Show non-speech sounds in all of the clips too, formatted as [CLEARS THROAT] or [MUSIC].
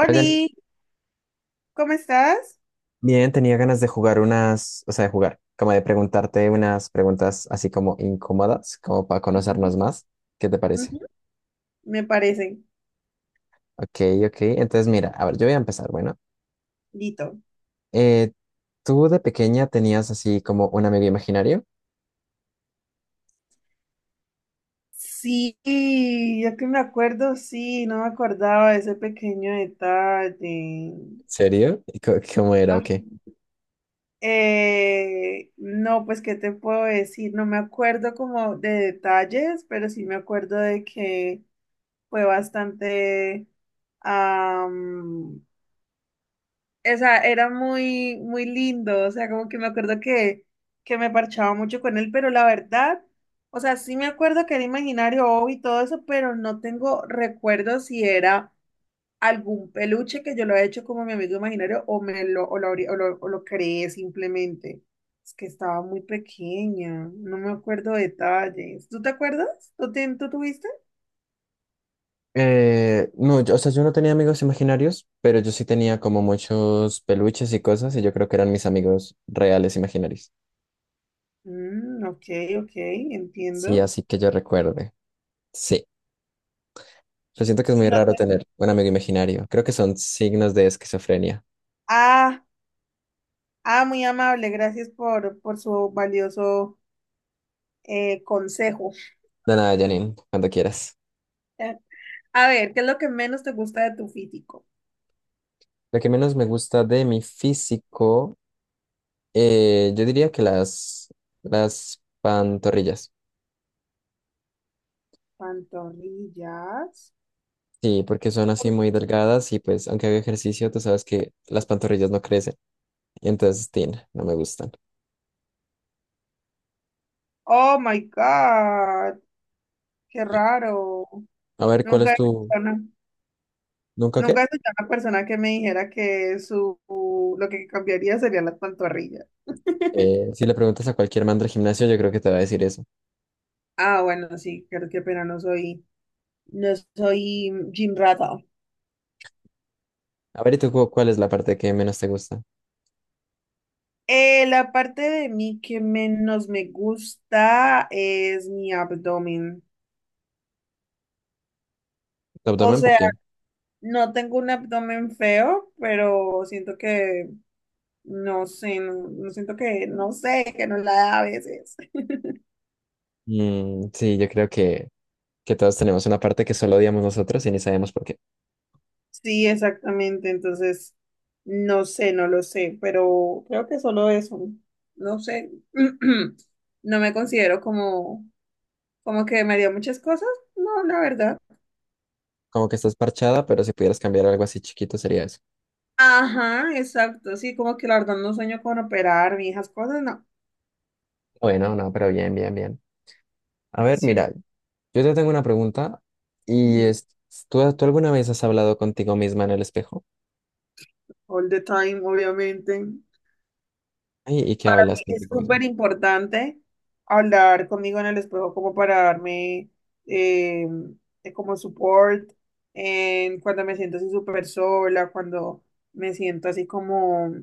Hola, Janine. ¿cómo estás? Bien, tenía ganas de jugar unas, o sea, de jugar, como de preguntarte unas preguntas así como incómodas, como para Ujú, conocernos más. ¿Qué te parece? ujú. Me parece. Ok, ok. Entonces, mira, a ver, yo voy a empezar. Bueno, Lito. eh, ¿tú de pequeña tenías así como un amigo imaginario? Sí, yo que me acuerdo, sí, no me acordaba de ese pequeño detalle. ¿Serio? ¿Y Cómo era Ah, o qué? No, pues, ¿qué te puedo decir? No me acuerdo como de detalles, pero sí me acuerdo de que fue bastante, am, o sea, era muy, muy lindo, o sea, como que me acuerdo que me parchaba mucho con él, pero la verdad, o sea, sí me acuerdo que era imaginario oh, y todo eso, pero no tengo recuerdo si era algún peluche que yo lo he hecho como mi amigo imaginario o me lo, o lo, o lo, o lo creé simplemente. Es que estaba muy pequeña, no me acuerdo detalles. ¿Tú te acuerdas? ¿Tú, tú tuviste? No, yo, o sea, yo no tenía amigos imaginarios, pero yo sí tenía como muchos peluches y cosas, y yo creo que eran mis amigos reales imaginarios. Mm, ok, ok, Sí, entiendo. así que yo recuerde. Sí. Yo siento que es Y muy no raro te... tener un amigo imaginario. Creo que son signos de esquizofrenia. Ah. Ah, muy amable, gracias por su valioso consejo. De nada, Janine, cuando quieras. Eh, A ver, ¿qué es lo que menos te gusta de tu físico? Lo que menos me gusta de mi físico, yo diría que las pantorrillas. Pantorrillas. Sí, porque son así muy delgadas y pues aunque haga ejercicio, tú sabes que las pantorrillas no crecen. Y entonces, tin, no me gustan. Oh my God, qué Sí. raro. A ver, ¿cuál Nunca es he tu... escuchado una, ¿Nunca nunca qué? he escuchado una persona que me dijera que su lo que cambiaría serían las pantorrillas. Si le preguntas a cualquier man del gimnasio, yo creo que te va a decir eso. Ah, bueno, sí, creo que pena no soy, no soy gym rata. A ver, ¿y tú cuál es la parte que menos te gusta? La parte de mí que menos me gusta es mi abdomen. ¿Tu O abdomen? ¿Por sea, qué? no tengo un abdomen feo, pero siento que, no sé, no siento que, no sé, que no la da a veces. Mm, sí, yo creo que todos tenemos una parte que solo odiamos nosotros y ni sabemos por qué. Sí, exactamente. Entonces, no sé, no lo sé, pero creo que solo eso. No sé. [CLEARS THROAT] No me considero como, como que me dio muchas cosas. No, la verdad. Como que estás parchada, pero si pudieras cambiar algo así chiquito sería eso. Ajá, exacto. Sí, como que la verdad no sueño con operar y esas cosas, no. Bueno, no, no, pero bien, bien, bien. A ver, Sí. mira, yo te tengo una pregunta y Mm, es, tú alguna vez has hablado contigo misma en el espejo? all the time, obviamente. Ay, ¿y qué hablas Es contigo misma? súper importante hablar conmigo en el espejo como para darme eh, como support en cuando me siento así súper sola, cuando me siento así como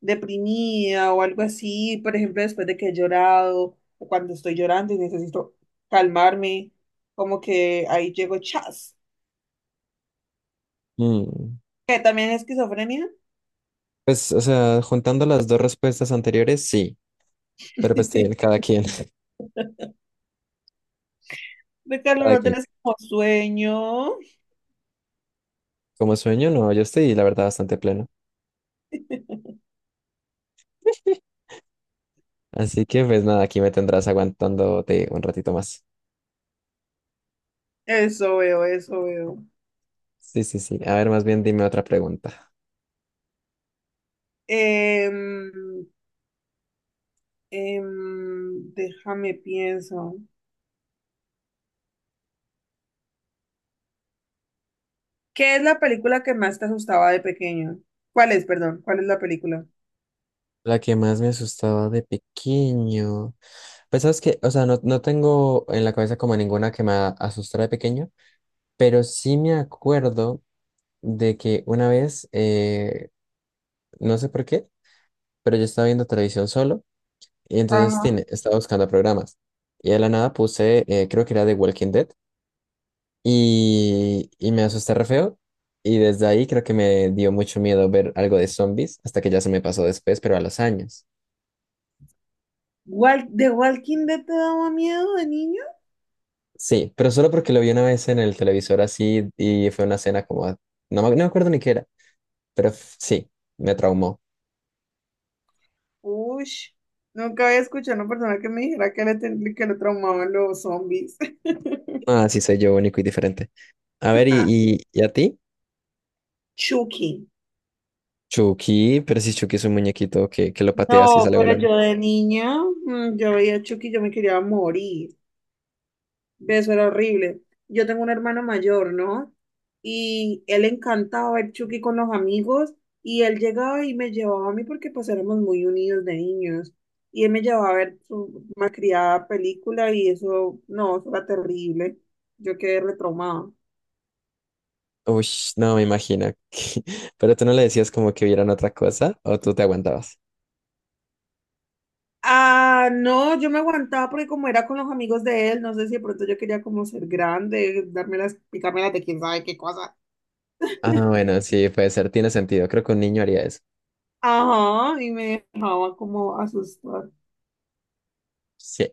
deprimida o algo así, por ejemplo, después de que he llorado o cuando estoy llorando y necesito calmarme, como que ahí llego chas. Mm. Que también es esquizofrenia. Pues, o sea, juntando las dos respuestas anteriores, sí, pero pues sí, [LAUGHS] cada quien, [LAUGHS] Ricardo, cada no quien. tenés como sueño. Como sueño, no, yo estoy, la verdad, bastante pleno. [LAUGHS] Así que pues nada, aquí me tendrás aguantándote un ratito más. Eso veo, eso veo. Sí, sí, sí. A ver, más bien dime otra pregunta. Em, déjame pienso. ¿Qué es la película que más te asustaba de pequeño? ¿Cuál es, perdón? ¿Cuál es la película? La que más me asustaba de pequeño. Pues sabes que, o sea, no, no tengo en la cabeza como ninguna que me asustara de pequeño, pero sí me acuerdo de que una vez, no sé por qué, pero yo estaba viendo televisión solo y entonces Ajá. tiene, estaba buscando programas. Y de la nada puse, creo que era de Walking Dead, y me asusté re feo. Y desde ahí creo que me dio mucho miedo ver algo de zombies, hasta que ya se me pasó después, pero a los años. ¿The Walking Dead te daba miedo de niño? Sí, pero solo porque lo vi una vez en el televisor así y fue una escena como... no me acuerdo ni qué era, pero sí, me traumó. Uy, nunca había escuchado a una persona que me dijera que le, que le traumaban los zombies. Ah, sí, soy yo único y diferente. A ver, [LAUGHS] ¿ y a ti? Chucky. Chucky, pero si Chucky es un muñequito que lo pateas y No, sale pero volando. yo de niña, mm, yo veía a Chucky, yo me quería morir. Eso era horrible. Yo tengo un hermano mayor, ¿no? Y él encantaba ver Chucky con los amigos y él llegaba y me llevaba a mí porque pues éramos muy unidos de niños. Y él me llevaba a ver su malcriada película y eso, no, eso era terrible. Yo quedé retraumada. Uy, no me imagino. [LAUGHS] Pero tú no le decías como que vieran otra cosa o tú te aguantabas. Ah, no, yo me aguantaba porque como era con los amigos de él, no sé si de pronto yo quería como ser grande, darme las, picarme las de quién sabe qué cosa. Ah, bueno, sí, puede ser, tiene sentido. Creo que un niño haría eso. Ajá, y me dejaba como asustar. Sí.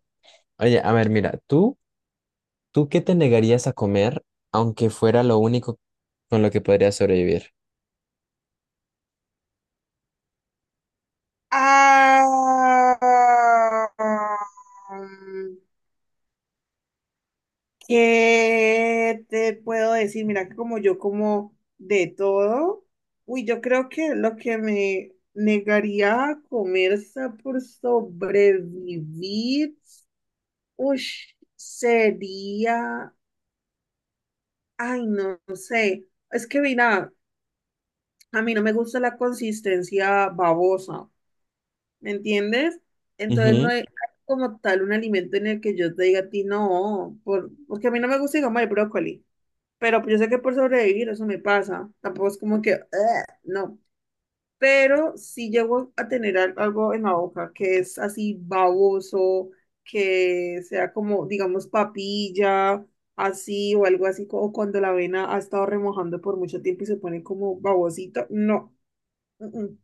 Oye, a ver, mira, ¿ tú qué te negarías a comer aunque fuera lo único con lo que podrías sobrevivir? Ah, ¿qué te puedo decir? Mira que como yo como de todo, uy, yo creo que lo que me negaría a comer por sobrevivir, uy, sería, ay, no sé, es que mira, a mí no me gusta la consistencia babosa. ¿Me entiendes? Entonces no Ujú. hay como tal un alimento en el que yo te diga a ti no, por, porque a mí no me gusta digamos el brócoli, pero yo sé que por sobrevivir eso me pasa, tampoco es como que "ugh", no, pero si llego a tener algo en la boca que es así baboso, que sea como digamos papilla, así o algo así, o cuando la avena ha estado remojando por mucho tiempo y se pone como babosito, no. Mm, mm.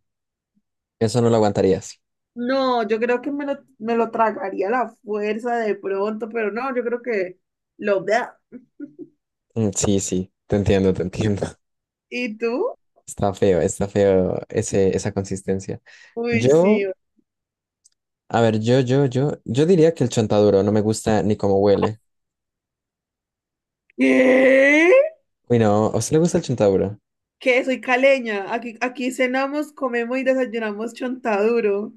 Eso no lo aguantarías. No, yo creo que me lo tragaría a la fuerza de pronto, pero no, yo creo que lo vea. Mm, sí, sí, te entiendo, te entiendo. [LAUGHS] ¿Y tú? Está feo esa consistencia. Uy, Yo, sí. a ver, yo diría que el chontaduro no me gusta ni cómo huele. ¿Qué? Uy, no, ¿a usted le gusta el chontaduro? ¿Qué? Soy caleña. Aquí, aquí cenamos, comemos y desayunamos chontaduro.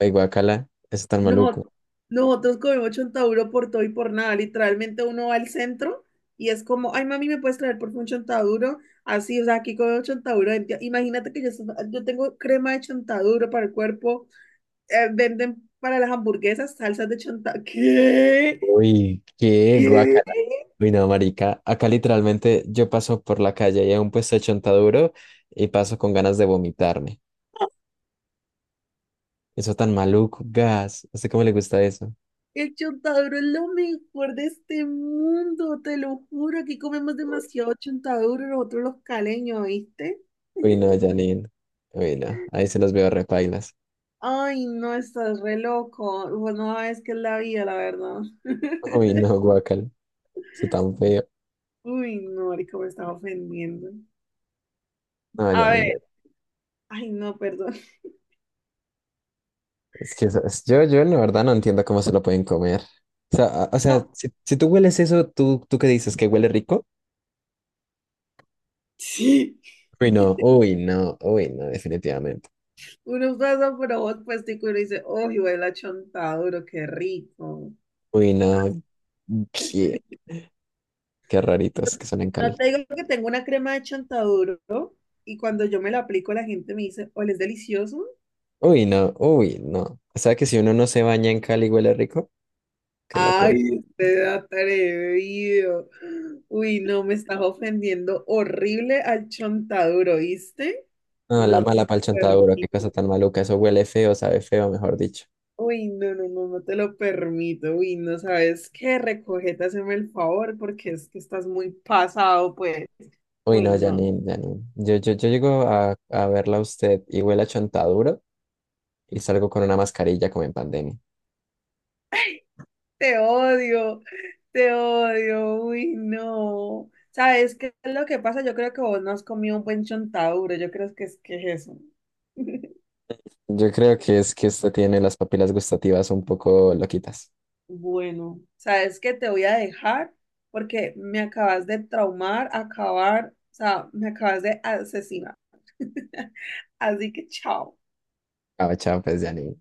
Uy, guacala, eso tan No, maluco. nosotros comemos chontaduro por todo y por nada. Literalmente uno va al centro y es como, ay, mami, ¿me puedes traer por favor un chontaduro? Así, o sea, aquí comemos chontaduro. Imagínate que yo, yo tengo crema de chontaduro para el cuerpo venden para las hamburguesas salsas de chontaduro. ¿Qué? Uy, qué ¿Qué? guacala. Uy, no, marica. Acá literalmente yo paso por la calle y hay un puesto de chontaduro y paso con ganas de vomitarme. Eso tan maluco, gas. ¿A usted cómo le gusta eso? El chontaduro es lo mejor de este mundo, te lo juro. Aquí comemos demasiado chontaduro, nosotros los caleños, ¿viste? Uy, no, [LAUGHS] Janine. Uy, no. Ahí se los veo repailas. Ay, no, estás re loco. Bueno, no, es que es la vida, la verdad. [LAUGHS] [LAUGHS] Uy, no, guacal. Eso tan feo. Uy, no, marica, me estaba ofendiendo. No, A Janine. ver, ay, no, perdón. [LAUGHS] Es que yo, yo en verdad no entiendo cómo se lo pueden comer. O sea, o sea, No. Si tú hueles eso, ¿ tú qué dices? ¿Que huele rico? Sí, Uy, no, uy, no, uy, no, definitivamente. uno pasa por vos, pues, y uno dice, uy, huele a chontaduro, qué rico. Uy, no, qué, qué raritos que son en No Cali. te digo que tengo una crema de chontaduro y cuando yo me la aplico la gente me dice, ¿o es delicioso? Uy, no, uy, no. O sea que si uno no se baña en Cali, huele rico, qué Ay, locura. usted atrevido. Uy, no, me estás ofendiendo horrible al chontaduro, ¿viste? No, la No te mala lo pa'l chontaduro, qué permito. cosa tan maluca. Eso huele feo, sabe feo, mejor dicho. Uy, no, no, no, no te lo permito. Uy, no sabes qué, recógete, hazme el favor, porque es que estás muy pasado, pues. Uy, Uy, no, no. Janine, Janine. Yo llego a verla a usted y huele a chontaduro y salgo con una mascarilla como en pandemia. Te odio, te odio, uy, no. ¿Sabes qué es lo que pasa? Yo creo que vos no has comido un buen chontaduro, yo creo que es eso. [LAUGHS] Yo creo que es que usted tiene las papilas gustativas un poco loquitas. Bueno, ¿sabes qué? Te voy a dejar porque me acabas de traumar, acabar, o sea, me acabas de asesinar. [LAUGHS] Así que chao. Ah, chao, pues, Janine.